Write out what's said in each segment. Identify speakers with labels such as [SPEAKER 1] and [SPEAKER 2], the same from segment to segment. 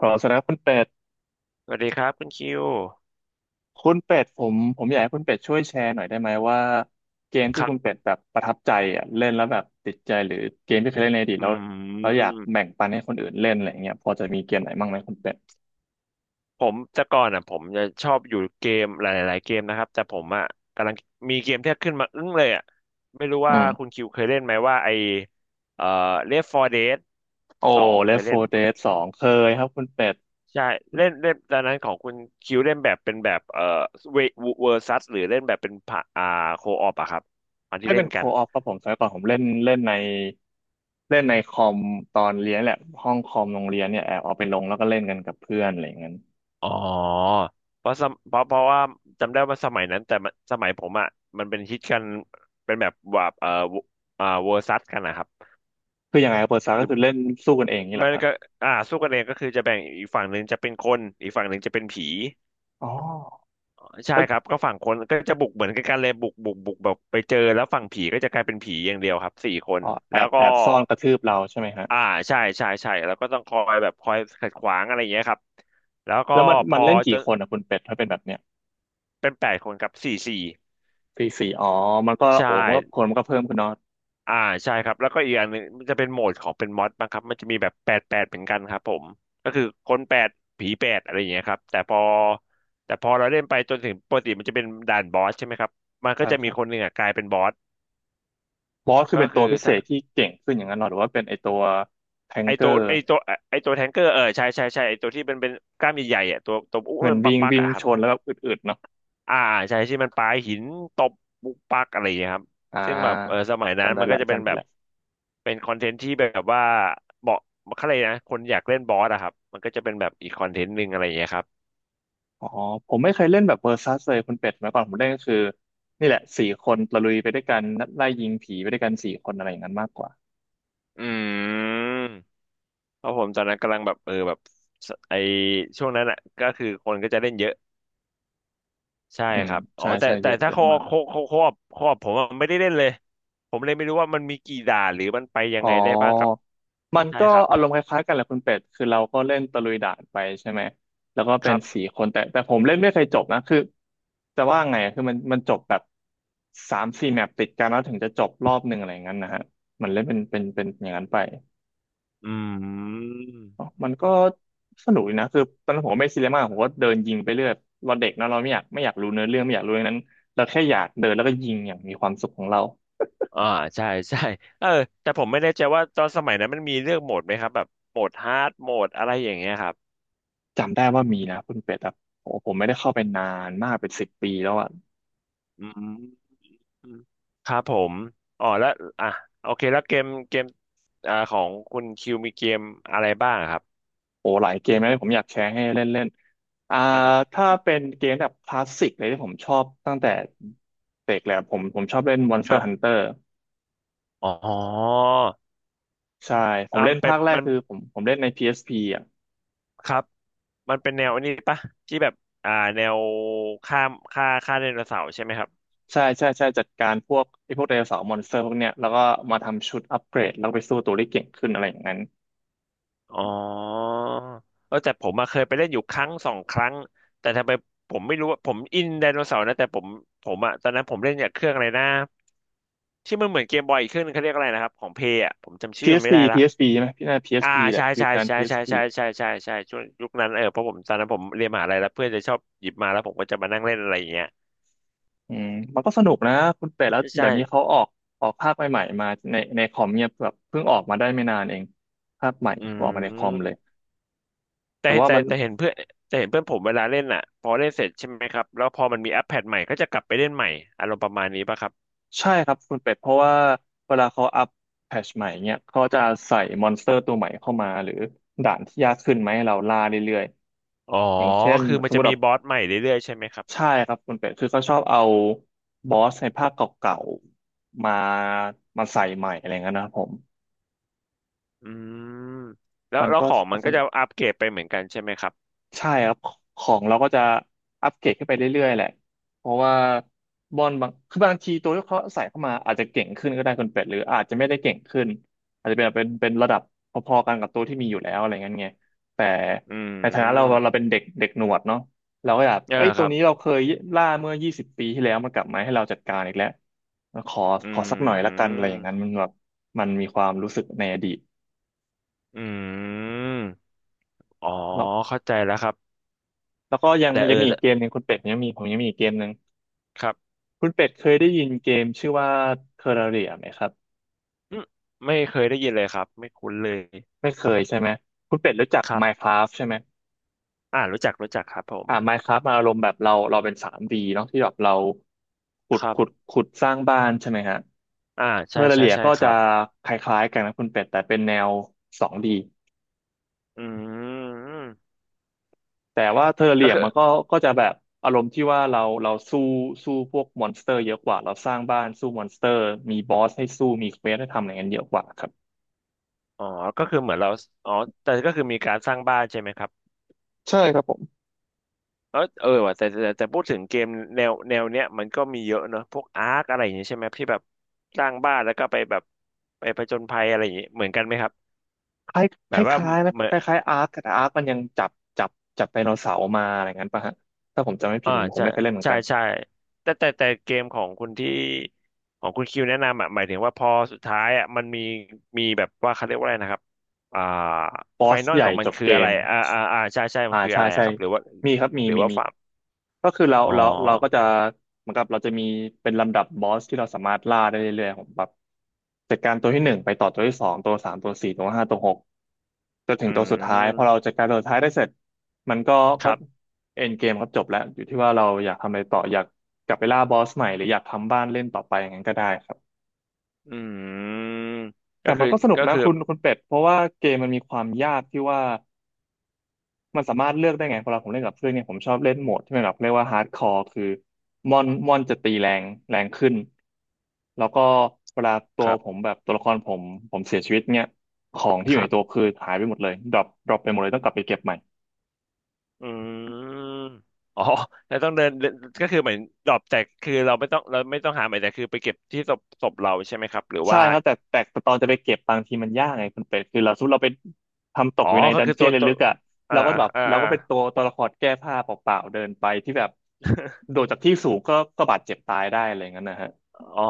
[SPEAKER 1] ขอแสดงคุณเป็ด
[SPEAKER 2] สวัสดีครับคุณคิว
[SPEAKER 1] คุณเป็ดผมอยากให้คุณเป็ดช่วยแชร์หน่อยได้ไหมว่าเกม
[SPEAKER 2] ค
[SPEAKER 1] ที่
[SPEAKER 2] รั
[SPEAKER 1] คุณ
[SPEAKER 2] บ
[SPEAKER 1] เป็ดแบบประทับใจอ่ะเล่นแล้วแบบติดใจหรือเกมที่เคยเล่นในอดีต
[SPEAKER 2] อื
[SPEAKER 1] แล้วแล้วอยากแบ่
[SPEAKER 2] ม
[SPEAKER 1] งปันให้คนอื่นเล่นอะไรอย่างเงี้ยพอจะมีเกมไหนบ้างไหมคุณเป็ด
[SPEAKER 2] ผมแต่ก่อนอ่ะผมจะชอบอยู่เกมหลายๆเกมนะครับแต่ผมอ่ะกำลังมีเกมที่ขึ้นมาอึ้งเลยอ่ะไม่รู้
[SPEAKER 1] อื
[SPEAKER 2] ว่าคุณ
[SPEAKER 1] ม
[SPEAKER 2] คิวเคยเล่นไหมว่าไอเอ่อ Left 4 Dead
[SPEAKER 1] โอ้
[SPEAKER 2] สองเคย
[SPEAKER 1] Left 4
[SPEAKER 2] เล่น
[SPEAKER 1] Dead 2เคยครับคุณเป็ด
[SPEAKER 2] ใช่เล่นเล่นตอนนั้นของคุณคิวเล่นแบบเป็นแบบเวเวอร์ซัสหรือเล่นแบบเป็นผ่าอ่าโคออปอะครับอัน
[SPEAKER 1] ไม่
[SPEAKER 2] ที่เล่
[SPEAKER 1] เป็น
[SPEAKER 2] น
[SPEAKER 1] โค
[SPEAKER 2] กัน
[SPEAKER 1] ออฟครับผมสมัยก่อนผมเล่นเล่นในเล่นในคอมตอนเรียนแหละห้องคอมโรงเรียนเนี่ยแอบเอาไปลงแล้วก็เล่นกันกับเพื่อนอะไรอย่างเงี้ย
[SPEAKER 2] อ๋อเพราะสมเพราะเพราะว่าจำได้ว่าสมัยนั้นแต่มันสมัยผมอ่ะมันเป็นฮิตกันเป็นแบบว่าอ่าเวอร์ซัสกันนะครับ
[SPEAKER 1] คือยังไงครับเปิดซาก็
[SPEAKER 2] คือ
[SPEAKER 1] คือเล่นสู้กันเองนี่แห
[SPEAKER 2] มั
[SPEAKER 1] ละ
[SPEAKER 2] น
[SPEAKER 1] ครับ
[SPEAKER 2] ก็อ่าสู้กันเองก็คือจะแบ่งอีกฝั่งหนึ่งจะเป็นคนอีกฝั่งหนึ่งจะเป็นผี
[SPEAKER 1] อ๋อ
[SPEAKER 2] ใช่ครับก็ฝั่งคนก็จะบุกเหมือนกันเลยบุกแบบไปเจอแล้วฝั่งผีก็จะกลายเป็นผีอย่างเดียวครับสี่คน
[SPEAKER 1] อ๋อแอ
[SPEAKER 2] แล้ว
[SPEAKER 1] บ
[SPEAKER 2] ก็
[SPEAKER 1] แอบซ่อนกระทืบเราใช่ไหมฮะ
[SPEAKER 2] อ่าใช่ใช่ใช่แล้วก็ต้องคอยแบบคอยขัดขวางอะไรอย่างเงี้ยครับแล้วก็
[SPEAKER 1] แล้วมัน
[SPEAKER 2] พ
[SPEAKER 1] มัน
[SPEAKER 2] อ
[SPEAKER 1] เล่น
[SPEAKER 2] จ
[SPEAKER 1] กี่
[SPEAKER 2] น
[SPEAKER 1] คนอ่ะคุณเป็ดถ้าเป็นแบบเนี้ย
[SPEAKER 2] เป็นแปดคนครับสี่สี่
[SPEAKER 1] สี่สี่อ๋อมันก็
[SPEAKER 2] ใช่
[SPEAKER 1] โอ้มันก็คนมันก็เพิ่มขึ้นเนาะ
[SPEAKER 2] อ่าใช่ครับแล้วก็อีกอย่างหนึ่งมันจะเป็นโหมดของเป็นมอดบ้างครับมันจะมีแบบแปดแปดเหมือนกันครับผมก็คือคนแปดผีแปดอะไรอย่างเงี้ยครับแต่พอเราเล่นไปจนถึงปกติมันจะเป็นด่านบอสใช่ไหมครับมันก็
[SPEAKER 1] ใช่
[SPEAKER 2] จะ
[SPEAKER 1] ค
[SPEAKER 2] มี
[SPEAKER 1] รับ
[SPEAKER 2] คนหนึ่งอ่ะกลายเป็นบอส
[SPEAKER 1] บอสคือ
[SPEAKER 2] ก็
[SPEAKER 1] เป็น
[SPEAKER 2] คื
[SPEAKER 1] ตัว
[SPEAKER 2] อ
[SPEAKER 1] พิเศ
[SPEAKER 2] ถ้า
[SPEAKER 1] ษที่เก่งขึ้นอย่างนั้นเหรอหรือว่าเป็นไอตัวแทง
[SPEAKER 2] ไอ
[SPEAKER 1] เก
[SPEAKER 2] ตั
[SPEAKER 1] อ
[SPEAKER 2] ว
[SPEAKER 1] ร์
[SPEAKER 2] ไอตัวไอตัวแทงเกอร์เออใช่ใช่ใช่ไอตัวที่เป็นกล้ามใหญ่ๆอ่ะตัวตัวอุ้ม
[SPEAKER 1] มัน
[SPEAKER 2] มันป
[SPEAKER 1] วิ่ง
[SPEAKER 2] ักๆ
[SPEAKER 1] วิ่ง
[SPEAKER 2] อ่ะครั
[SPEAKER 1] ช
[SPEAKER 2] บ
[SPEAKER 1] นแล้วแบบอึดๆเนาะ
[SPEAKER 2] อ่าใช่ที่มันปาหินตบปุกปักอะไรอย่างเงี้ยครับ
[SPEAKER 1] อ่
[SPEAKER 2] ซึ่งแบบเออ
[SPEAKER 1] า
[SPEAKER 2] สมัยนั้น
[SPEAKER 1] จำได้
[SPEAKER 2] มันก็
[SPEAKER 1] แล้ว
[SPEAKER 2] จะเป็น
[SPEAKER 1] จำได้
[SPEAKER 2] แบบ
[SPEAKER 1] แล้ว
[SPEAKER 2] เป็นคอนเทนต์ที่แบบว่าเหมาะเขาเลยกนะคนอยากเล่นบอสอะครับมันก็จะเป็นแบบอีกคอนเทนต์หนึ่งอะไรอย่างเงี้ยครับ
[SPEAKER 1] อ๋อผมไม่เคยเล่นแบบเวอร์ซัสเลยคุณเป็ดมาก่อนผมเล่นก็คือนี่แหละสี่คนตะลุยไปด้วยกันไล่ยิงผีไปด้วยกันสี่คนอะไรอย่างนั้นมากกว่า
[SPEAKER 2] อืมเพราะผมตอนนั้นกำลังแบบเออแบบสไอช่วงนั้นอะก็คือคนก็จะเล่นเยอะใช่
[SPEAKER 1] อืม
[SPEAKER 2] ครับอ๋อ
[SPEAKER 1] ใช่
[SPEAKER 2] แต่
[SPEAKER 1] ใช่เย
[SPEAKER 2] แต่
[SPEAKER 1] อะ
[SPEAKER 2] ถ้า
[SPEAKER 1] เยอะ
[SPEAKER 2] เขา
[SPEAKER 1] มาก
[SPEAKER 2] เขาเขาเขาเขาผมอะไม่ได้เล่นเลยผมเลยไม่รู้ว่ามันมีกี่ด่านหรือมันไปยั
[SPEAKER 1] อ๋
[SPEAKER 2] ง
[SPEAKER 1] อ
[SPEAKER 2] ไงได้บ้างครับ
[SPEAKER 1] มัน
[SPEAKER 2] ใช่
[SPEAKER 1] ก็
[SPEAKER 2] ครับ
[SPEAKER 1] อารมณ์คล้ายๆกันแหละคุณเป็ดคือเราก็เล่นตะลุยด่านไปใช่ไหมแล้วก็
[SPEAKER 2] ค
[SPEAKER 1] เป็น
[SPEAKER 2] รับ
[SPEAKER 1] สี่คนแต่ผมเล่นไม่เคยจบนะคือจะว่าไงอะคือมันจบแบบสามสี่แมปติดกันแล้วถึงจะจบรอบหนึ่งอะไรอย่างนั้นนะฮะมันเล่นเป็นอย่างนั้นไป
[SPEAKER 2] อืม
[SPEAKER 1] อ๋อมันก็สนุกดีนะคือตอนนั้นผมก็ไม่ซีเรียสมากผมก็เดินยิงไปเรื่อยเราเด็กเนอะเราไม่อยากไม่อยากรู้เนื้อเรื่องไม่อยากรู้อย่างนั้นเราแค่อยากเดินแล้วก็ยิงอย่างมีความสุขของเรา
[SPEAKER 2] อ่าใช่ใช่เออแต่ผมไม่แน่ใจว่าตอนสมัยนั้นมันมีเลือกโหมดไหมครับแบบโหมดฮาร์ดโหมดอะไรอย่างเงี้ยครับ
[SPEAKER 1] จำได้ว่ามีนะคุณเป็ดครับโอ้ผมไม่ได้เข้าไปนานมากเป็นสิบปีแล้วอะ
[SPEAKER 2] อืมครับผมอ๋อแล้วอ่ะโอเคแล้วเกมอ่าของคุณคิวมีเกมอะไรบ้างครับ
[SPEAKER 1] โอ้หลายเกมนะที่ผมอยากแชร์ให้เล่นเล่นอ่า
[SPEAKER 2] นะครับ
[SPEAKER 1] ถ้าเป็นเกมแบบคลาสสิกเลยที่ผมชอบตั้งแต่เด็กแล้วผมชอบเล่น
[SPEAKER 2] ค
[SPEAKER 1] Monster
[SPEAKER 2] รับ
[SPEAKER 1] Hunter
[SPEAKER 2] อ๋อ
[SPEAKER 1] ใช่ผม
[SPEAKER 2] อ่า
[SPEAKER 1] เล่
[SPEAKER 2] มั
[SPEAKER 1] น
[SPEAKER 2] นเป็
[SPEAKER 1] ภา
[SPEAKER 2] น
[SPEAKER 1] คแรก
[SPEAKER 2] มัน
[SPEAKER 1] คือผมเล่นใน PSP อสพีอ่ะ
[SPEAKER 2] ครับมันเป็นแนวอันนี้ปะที่แบบอ่าแนวฆ่าฆ่าไดโนเสาร์ใช่ไหมครับ
[SPEAKER 1] ใช่ใช่ใช่จัดการพวกไอ้พวกไดโนเสาร์มอนสเตอร์พวกเนี้ยแล้วก็มาทำชุดอัปเกรดแล้วไปสู้ตัวได้เก่งขึ้นอะไรอย่างนั้น
[SPEAKER 2] อ๋อเออแต่ผมมาเคยไปเล่นอยู่ครั้งสองครั้ง แต่ทำไมผมไม่รู้ว่าผมอินไดโนเสาร์นะแต่ผมอะตอนนั้นผมเล่นอย่างเครื่องอะไรนะที่มันเหมือนเกมบอยอีกเครื่องนึงเขาเรียกอะไรนะครับของเพย์อะผมจำชื่อมันไม่ได้
[SPEAKER 1] PSP
[SPEAKER 2] ละ
[SPEAKER 1] PSP ใช่ไหมพี่น่า
[SPEAKER 2] อ่า
[SPEAKER 1] PSP แหละ
[SPEAKER 2] ใช่
[SPEAKER 1] ยุ
[SPEAKER 2] ใช่
[SPEAKER 1] คนั้น
[SPEAKER 2] ใช่ใช่
[SPEAKER 1] PSP
[SPEAKER 2] ใช่ใช่ใช่ใช่ช่วงยุคนั้นเออเพราะผมตอนนั้นผมเรียนมหาลัยแล้วเพื่อนจะชอบหยิบมาแล้วผมก็จะมานั่งเล่นอะไรอย่างเงี้ย
[SPEAKER 1] อืมมันก็สนุกนะคุณเป็ดแล้ว
[SPEAKER 2] ใช่
[SPEAKER 1] เดี๋ยวนี้เขาออกภาคใหม่ๆมาในคอมเนี่ยแบบเพิ่งออกมาได้ไม่นานเองภาคใหม่
[SPEAKER 2] อื
[SPEAKER 1] ออกมาในคอมเลย
[SPEAKER 2] มแต่
[SPEAKER 1] แต่ว่า
[SPEAKER 2] แต่
[SPEAKER 1] มัน
[SPEAKER 2] แต่เห็นเพื่อนแต่เห็นเพื่อนผมเวลาเล่นอ่ะพอเล่นเสร็จใช่ไหมครับแล้วพอมันมีแอปแพดใหม่ก็จะกลับไปเล่นใหม่อารมณ์ประมาณนี้ป่ะครับ
[SPEAKER 1] ใช่ครับคุณเป็ดเพราะว่าเวลาเขาอัปแพทชใหม่เนี่ยเขาจะใส่มอนสเตอร์ตัวใหม่เข้ามาหรือด่านที่ยากขึ้นไหมาให้เราล่าเรื่อย
[SPEAKER 2] อ๋อ
[SPEAKER 1] ๆอย่างเช่น
[SPEAKER 2] คือ
[SPEAKER 1] ส
[SPEAKER 2] มัน
[SPEAKER 1] มม
[SPEAKER 2] จะ
[SPEAKER 1] ติแบ
[SPEAKER 2] มี
[SPEAKER 1] บ
[SPEAKER 2] บอสใหม่เรื่อยๆใช่ไหมครับ
[SPEAKER 1] ใช่ครับคุณเป็ดคือเขาชอบเอาบอสในภาคเก่าๆมาใส่ใหม่อะไรเงี้ยนะครับผม
[SPEAKER 2] อืมแล้ว
[SPEAKER 1] มัน
[SPEAKER 2] แล้ว
[SPEAKER 1] ก็
[SPEAKER 2] ของมันก็จะอัปเกรดไปเหมือนกันใช่ไหมครับ
[SPEAKER 1] ใช่ครับของเราก็จะอัปเกรดขึ้นไปเรื่อยๆแหละเพราะว่าบอลบางคือบางทีตัวที่เขาใส่เข้ามาอาจจะเก่งขึ้นก็ได้คุณเป็ดหรืออาจจะไม่ได้เก่งขึ้นอาจจะเป็นระดับพอๆกันกับตัวที่มีอยู่แล้วอะไรเงี้ยไงแต่
[SPEAKER 2] อื
[SPEAKER 1] ในฐานะเรา
[SPEAKER 2] ม
[SPEAKER 1] เราเป็นเด็กเด็กหนวดเนาะเราก็อยาก
[SPEAKER 2] อ่า
[SPEAKER 1] เอ้ย
[SPEAKER 2] ค
[SPEAKER 1] ตัว
[SPEAKER 2] รับ
[SPEAKER 1] นี้เราเคยล่าเมื่อ20 ปีที่แล้วมันกลับมาให้เราจัดการอีกแล้วขอ
[SPEAKER 2] อื
[SPEAKER 1] ขอสักหน่อยละกันอะไรอย่างนั้นมัน
[SPEAKER 2] ม
[SPEAKER 1] แบบมันมีความรู้สึกในอดีต
[SPEAKER 2] อืมอ๋อ
[SPEAKER 1] แล้ว
[SPEAKER 2] เข้าใจแล้วครับ
[SPEAKER 1] แล้วก็ยัง
[SPEAKER 2] แต่
[SPEAKER 1] ยั
[SPEAKER 2] เอ
[SPEAKER 1] ง
[SPEAKER 2] อ
[SPEAKER 1] มีอี
[SPEAKER 2] แต่
[SPEAKER 1] กเกมหนึ่งคุณเป็ดยังมีผมยังมีอีกเกมหนึ่ง
[SPEAKER 2] ครับ
[SPEAKER 1] คุณเป็ดเคยได้ยินเกมชื่อว่า Terraria ไหมครับ
[SPEAKER 2] อืมไม่เคยได้ยินเลยครับไม่คุ้นเลย
[SPEAKER 1] ไม่เคยใช่ไหมคุณเป็ดรู้จัก
[SPEAKER 2] ครับ
[SPEAKER 1] Minecraft ใช่ไหม
[SPEAKER 2] อ่ารู้จักครับผม
[SPEAKER 1] Minecraft มาอารมณ์แบบเราเป็น 3D เนาะที่แบบเราขุ
[SPEAKER 2] ค
[SPEAKER 1] ด
[SPEAKER 2] รั
[SPEAKER 1] ขุด
[SPEAKER 2] บ
[SPEAKER 1] ขุดสร้างบ้านใช่ไหมฮะ
[SPEAKER 2] อ่าใช่ใช่
[SPEAKER 1] Terraria
[SPEAKER 2] ใช่
[SPEAKER 1] ก็
[SPEAKER 2] ค
[SPEAKER 1] จะ
[SPEAKER 2] รับ
[SPEAKER 1] คล้ายๆกันนะคุณเป็ดแต่เป็นแนว2ี
[SPEAKER 2] อืม
[SPEAKER 1] แต่ว่า
[SPEAKER 2] ก็
[SPEAKER 1] Terraria
[SPEAKER 2] คือ
[SPEAKER 1] มันก็จะแบบอารมณ์ที่ว่าเราสู้สู้พวกมอนสเตอร์เยอะกว่าเราสร้างบ้านสู้มอนสเตอร์มีบอสให้สู้มีเควสให้ทำอะไรเงี้ยเยอะกว่าครับ
[SPEAKER 2] อ๋อก็คือเหมือนเราอ๋อแต่ก็คือมีการสร้างบ้านใช่ไหมครับ
[SPEAKER 1] ใช่ครับผม
[SPEAKER 2] แล้วเออว่ะแต่พูดถึงเกมแนวเนี้ยมันก็มีเยอะเนอะพวกอาร์คอะไรอย่างเงี้ยใช่ไหมที่แบบสร้างบ้านแล้วก็ไปแบบไปผจญภัยอะไรอย่างเงี้ยเหมือนกันไหมครับแบบ
[SPEAKER 1] ค
[SPEAKER 2] ว่า
[SPEAKER 1] ล้ายๆนะ
[SPEAKER 2] เหมือ
[SPEAKER 1] ค
[SPEAKER 2] น
[SPEAKER 1] ล้ายคล้ายอาร์คแต่อาร์คมันยังจับจับไดโนเสาร์มาอะไรงั้นป่ะฮะถ้าผมจำไม่ผิ
[SPEAKER 2] อ่า
[SPEAKER 1] ดผม
[SPEAKER 2] ใช่
[SPEAKER 1] ไม่เคยเล่นเหมือน
[SPEAKER 2] ใช่
[SPEAKER 1] กัน
[SPEAKER 2] ใช่แต่เกมของคุณคิวแนะนำอ่ะหมายถึงว่าพอสุดท้ายอ่ะมันมีแบบว่าเขาเรียกว่าอะไรนะครับอ่า
[SPEAKER 1] บอ
[SPEAKER 2] ไฟ
[SPEAKER 1] ส
[SPEAKER 2] นอล
[SPEAKER 1] ให
[SPEAKER 2] ข
[SPEAKER 1] ญ่
[SPEAKER 2] องมั
[SPEAKER 1] จ
[SPEAKER 2] น
[SPEAKER 1] บ
[SPEAKER 2] คือ
[SPEAKER 1] เก
[SPEAKER 2] อะไร
[SPEAKER 1] ม
[SPEAKER 2] อ่าใช่ใช่มั
[SPEAKER 1] อ่า
[SPEAKER 2] นคือ
[SPEAKER 1] ใช่
[SPEAKER 2] อะไร
[SPEAKER 1] ใช่
[SPEAKER 2] อะครับหรือว่า
[SPEAKER 1] มีครับ
[SPEAKER 2] หรือว่า
[SPEAKER 1] มี
[SPEAKER 2] ฟาร์ม
[SPEAKER 1] ก็คือเรา
[SPEAKER 2] อ๋อ
[SPEAKER 1] เราเราก็จะเหมือนกับเราจะมีเป็นลำดับบอสที่เราสามารถล่าได้เรื่อยๆผมแบบจัดการตัวที่หนึ่งไปต่อตัวที่สองตัวสามตัวสี่ตัวห้าตัวหก จนถึ
[SPEAKER 2] อื
[SPEAKER 1] งตัวสุดท้ายพอเรา
[SPEAKER 2] ม
[SPEAKER 1] จัดการตัวสุดท้ายได้เสร็จมันก็
[SPEAKER 2] ค
[SPEAKER 1] ก็
[SPEAKER 2] รับ
[SPEAKER 1] เอ็นเกมก็จบแล้วอยู่ที่ว่าเราอยากทำอะไรต่ออยากกลับไปล่าบอสใหม่หรืออยากทำบ้านเล่นต่อไปอย่างนั้นก็ได้ครับ
[SPEAKER 2] อืม
[SPEAKER 1] แต่
[SPEAKER 2] ก็
[SPEAKER 1] มั
[SPEAKER 2] คือ
[SPEAKER 1] นก็สนุก
[SPEAKER 2] ก็
[SPEAKER 1] นะ
[SPEAKER 2] คือ
[SPEAKER 1] คุณเป็ดเพราะว่าเกมมันมีความยากที่ว่ามันสามารถเลือกได้ไงพอเราผมเล่นกับเพื่อนเนี่ยผมชอบเล่นโหมดที่มันแบบเรียกว่าฮาร์ดคอร์คือมอนจะตีแรงแรงขึ้นแล้วก็เวลาตั
[SPEAKER 2] ค
[SPEAKER 1] ว
[SPEAKER 2] รั
[SPEAKER 1] ผ
[SPEAKER 2] บ
[SPEAKER 1] มแบบตัวละครผมผมเสียชีวิตเนี่ยของที่
[SPEAKER 2] ค
[SPEAKER 1] อยู่
[SPEAKER 2] รั
[SPEAKER 1] ในตัว
[SPEAKER 2] บ
[SPEAKER 1] คือหายไปหมดเลยดรอปไปหมดเลยต้องกลับไปเก็บใหม่
[SPEAKER 2] อืมอ๋อแล้วต้องเดินเดินก็คือเหมือนดรอปแต่คือเราไม่ต้องหาใหม่แต่คือไปเก็บที่ศพเราใช่ไหมครับหรือ
[SPEAKER 1] ใช่
[SPEAKER 2] ว่า
[SPEAKER 1] ครับแต่ตอนจะไปเก็บบางทีมันยากไงคุณเป็ดคือเราสมมติเราไปทำตก
[SPEAKER 2] อ๋อ
[SPEAKER 1] อยู่ใน
[SPEAKER 2] ก็
[SPEAKER 1] ดัน
[SPEAKER 2] คือ
[SPEAKER 1] เจี
[SPEAKER 2] ตั
[SPEAKER 1] ย
[SPEAKER 2] ว
[SPEAKER 1] น
[SPEAKER 2] ตัว
[SPEAKER 1] ลึกๆอ่ะ
[SPEAKER 2] อ่า
[SPEAKER 1] เราก็
[SPEAKER 2] อ่า
[SPEAKER 1] แบบ
[SPEAKER 2] อ่า
[SPEAKER 1] เรา
[SPEAKER 2] อ่า
[SPEAKER 1] ก็เป็นตัวละครแก้ผ้าเปล่าๆเดินไปที่แบบโดดจากที่สูงก็บาดเจ็บตายได้อะไรอย่างนั้นนะฮะ
[SPEAKER 2] อ๋อ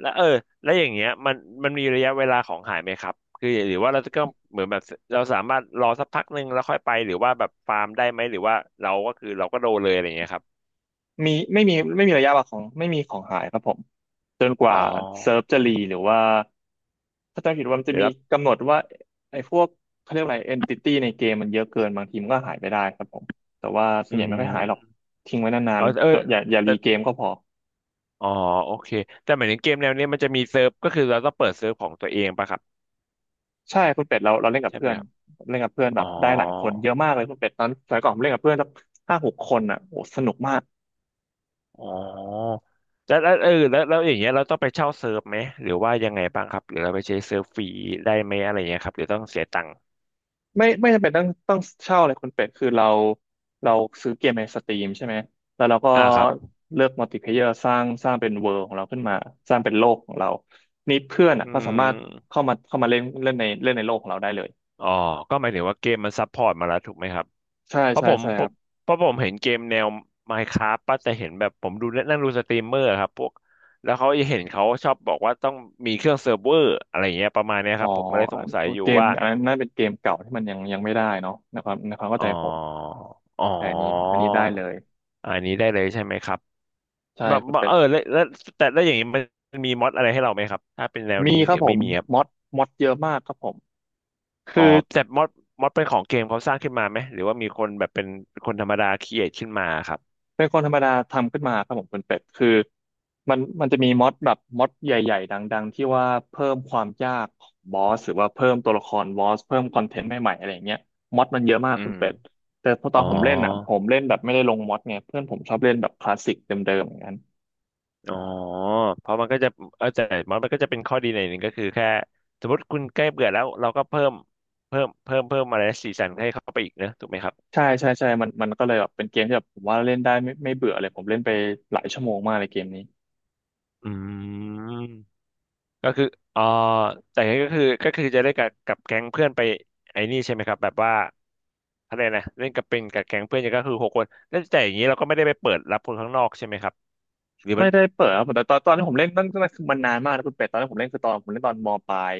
[SPEAKER 2] แล้วแล้วอย่างเงี้ยมันมีระยะเวลาของหายไหมครับคือหรือว่าเราจะก็เหมือนแบบเราสามารถรอสักพักหนึ่งแล้วค่อยไปหรือว่าแบบฟาร์มได้ไหมหรือว่าเราก็คือเราก็โดนเลยอะไรเงี้ยครับ
[SPEAKER 1] มีไม่มีไม่มีระยะวางของไม่มีของหายครับผมจนก
[SPEAKER 2] อ๋อ
[SPEAKER 1] ว่าเซิร์ฟจะรีหรือว่าถ้าจำผิดว่ามัน
[SPEAKER 2] ห
[SPEAKER 1] จะ
[SPEAKER 2] รือ
[SPEAKER 1] มี
[SPEAKER 2] รับ
[SPEAKER 1] กำหนดว่าไอ้พวกเขาเรียกอะไรเอนติตี้ในเกมมันเยอะเกินบางทีมันก็หายไปได้ครับผมแต่ว่าส่ว
[SPEAKER 2] อื
[SPEAKER 1] นใหญ่ไม่ค่อยหายหรอก
[SPEAKER 2] ม
[SPEAKER 1] ทิ้งไว้นา
[SPEAKER 2] เอ
[SPEAKER 1] น
[SPEAKER 2] อเออ
[SPEAKER 1] ๆจะอย่า
[SPEAKER 2] แต่
[SPEAKER 1] รีเกมก็พอ
[SPEAKER 2] อ๋อโอเคแต่หมายถึงเกมแนวเนี้ยมันจะมีเซิร์ฟก็คือเราต้องเปิดเซิร์ฟของตัวเองป่ะครับ
[SPEAKER 1] ใช่คุณเป็ดเราเล่นกับ
[SPEAKER 2] ใช่ไห
[SPEAKER 1] เพื่
[SPEAKER 2] ม
[SPEAKER 1] อน
[SPEAKER 2] ครับ
[SPEAKER 1] เล่นกับเพื่อนแบ
[SPEAKER 2] อ๋อ
[SPEAKER 1] บได้หลายคนเยอะมากเลยคุณเป็ดตอนสมัยก่อนผมเล่นกับเพื่อนสักห้าหกคนอ่ะโอ้สนุกมาก
[SPEAKER 2] อ๋อแล้วแล้วเออแล้วแล้วอย่างเงี้ยเราต้องไปเช่าเซิร์ฟไหมหรือว่ายังไงบ้างครับหรือเราไปใช้เซิร์ฟฟรีได้ไหมอะไรเงี้ยครับหรือต้องเสียตังค์
[SPEAKER 1] ไม่จำเป็นต้องเช่าเลยคุณเป็ดคือเราซื้อเกมในสตรีมใช่ไหมแล้วเราก็
[SPEAKER 2] อ่าครับ
[SPEAKER 1] เลือกมัลติเพลเยอร์สร้างเป็นเวิลด์ของเราขึ้นมาสร้างเป็นโลกของเรานี่เพื่อนอ่ะ
[SPEAKER 2] อื
[SPEAKER 1] ก็สามารถ
[SPEAKER 2] ม
[SPEAKER 1] เข้ามาเล่นเล่นในโลกของเราได้เลย
[SPEAKER 2] อ๋อก็หมายถึงว่าเกมมันซัพพอร์ตมาแล้วถูกไหมครับ
[SPEAKER 1] ใช่
[SPEAKER 2] เพราะ
[SPEAKER 1] ใช่
[SPEAKER 2] ผม
[SPEAKER 1] ใช่
[SPEAKER 2] เ
[SPEAKER 1] ครับ
[SPEAKER 2] พราะผมเห็นเกมแนว Minecraft ป่ะแต่เห็นแบบผมดูนั่งดูสตรีมเมอร์ครับพวกแล้วเขาจะเห็นเขาชอบบอกว่าต้องมีเครื่องเซิร์ฟเวอร์อะไรอย่างเงี้ยประมาณเนี้ย
[SPEAKER 1] อ๋
[SPEAKER 2] ค
[SPEAKER 1] อ
[SPEAKER 2] รับผมก็เลยสงสัยอยู่
[SPEAKER 1] เกม
[SPEAKER 2] ว่า
[SPEAKER 1] อันนั้นน่าเป็นเกมเก่าที่มันยังไม่ได้เนาะนะครับในความเข้า
[SPEAKER 2] อ๋อ
[SPEAKER 1] ใจผม
[SPEAKER 2] อ๋อ
[SPEAKER 1] แต่อันนี้ได้เลย
[SPEAKER 2] อันนี้ได้เลยใช่ไหมครับ
[SPEAKER 1] ใช่
[SPEAKER 2] แบบ
[SPEAKER 1] คุณ
[SPEAKER 2] แบบ
[SPEAKER 1] เป็
[SPEAKER 2] เอ
[SPEAKER 1] ด
[SPEAKER 2] อแล้วแล้วแต่แล้วอย่างนี้มันมีม็อดอะไรให้เราไหมครับถ้าเป็นแนว
[SPEAKER 1] มี
[SPEAKER 2] นี้
[SPEAKER 1] ค
[SPEAKER 2] ห
[SPEAKER 1] รั
[SPEAKER 2] รื
[SPEAKER 1] บ
[SPEAKER 2] อ
[SPEAKER 1] ผ
[SPEAKER 2] ไม่
[SPEAKER 1] ม
[SPEAKER 2] มีครับ
[SPEAKER 1] มอดเยอะมากครับผม
[SPEAKER 2] อ๋อ
[SPEAKER 1] คือ
[SPEAKER 2] แต่ม็อดเป็นของเกมเขาสร้างขึ้นมาไหมหรือว่ามีคนแบบเป็นคนธรรมดาครีเอทขึ้นมาครับ
[SPEAKER 1] เป็นคนธรรมดาทำขึ้นมาครับผมคุณเป็ดคือมันจะมีมอดแบบมอดใหญ่ๆดังๆที่ว่าเพิ่มความยากของบอสหรือว่าเพิ่มตัวละครบอสเพิ่มคอนเทนต์ใหม่ๆอะไรอย่างเงี้ยมอดมันเยอะมาก
[SPEAKER 2] อื
[SPEAKER 1] คุณ
[SPEAKER 2] ม
[SPEAKER 1] เป็ดแต่พอต
[SPEAKER 2] อ๋
[SPEAKER 1] อ
[SPEAKER 2] อ
[SPEAKER 1] นผมเล่นอ่ะผมเล่นแบบไม่ได้ลงมอดไงเพื่อนผมชอบเล่นแบบคลาสสิกเดิมๆอย่างนั้น
[SPEAKER 2] อ๋อเพราะมันก็จะแต่มันก็จะเป็นข้อดีในอยหนึ่งก็คือแค่สมมติคุณใกล้เบื่อแล้วเราก็เพิ่มอะไรนะสีสันให้เข้าไปอีกนะถูกไหมครับ
[SPEAKER 1] ใช่ใช่ใช่มันมันก็เลยแบบเป็นเกมที่แบบผมว่าเล่นได้ไม่เบื่อเลยผมเล่นไปหลายชั่วโมงมากเลยเกมนี้
[SPEAKER 2] อืมก็คืออ๋อแต่ก็คือจะได้กับแก๊งเพื่อนไปไอ้นี่ใช่ไหมครับแบบว่าอะไรนะเล่นกับเป็นกับแก๊งเพื่อนเนี่ยก็คือหกคนแล้วแต่อย่างนี้เราก็ไม่ได้ไปเปิดรับคนข้างนอกใช่ไหมครับหรือมั
[SPEAKER 1] ไม่
[SPEAKER 2] น
[SPEAKER 1] ได้เปิดครับแต่ตอนที่ผมเล่นนั่นคือมันนานมากนะคุณเป็ดตอนที่ผมเล่นคือตอนผมเล่นตอนมปลาย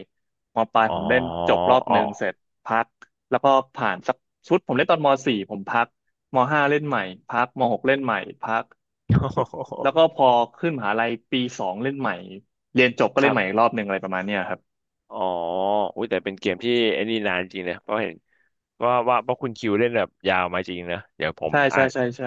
[SPEAKER 1] มปลาย
[SPEAKER 2] อ๋อ
[SPEAKER 1] ผมเล่นจบรอบห
[SPEAKER 2] อ๋อ
[SPEAKER 1] นึ่งเสร็จพักแล้วก็ผ่านสักชุดผมเล่นตอนมสี่ผมพักมห้าเล่นใหม่พักมหกเล่นใหม่พักแล้ว ก็พอขึ้นมหาลัยปีสองเล่นใหม่เรียนจบก็
[SPEAKER 2] ค
[SPEAKER 1] เล่น
[SPEAKER 2] รับ
[SPEAKER 1] ใหม่อีกรอบหนึ่งอะไรประมาณเนี้ยครับ
[SPEAKER 2] อ๋ออุ้ยแต่เป็นเกมที่ไอ้นี่นานจริงนะเพราะเห็น ว่าเพราะคุณคิวเล่นแบบยาวมาจริงนะเดี๋ยวผม
[SPEAKER 1] ใช่
[SPEAKER 2] อา
[SPEAKER 1] ใช่
[SPEAKER 2] จ
[SPEAKER 1] ใช่ใช่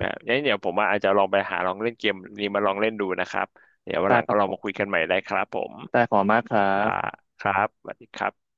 [SPEAKER 2] แบบงั้นเดี๋ยวผมว่าอาจจะลองไปหาลองเล่นเกมนี้มาลองเล่นดูนะครับเดี๋ยววัน
[SPEAKER 1] ใช่
[SPEAKER 2] หลัง
[SPEAKER 1] ค
[SPEAKER 2] ก็
[SPEAKER 1] รับ
[SPEAKER 2] ลอ
[SPEAKER 1] ผ
[SPEAKER 2] ง
[SPEAKER 1] ม
[SPEAKER 2] มาคุยกันใหม่ได้ครับผม
[SPEAKER 1] ได้ขอบคุณมากครั
[SPEAKER 2] ครับ
[SPEAKER 1] บ
[SPEAKER 2] ครับสวัสดีครับ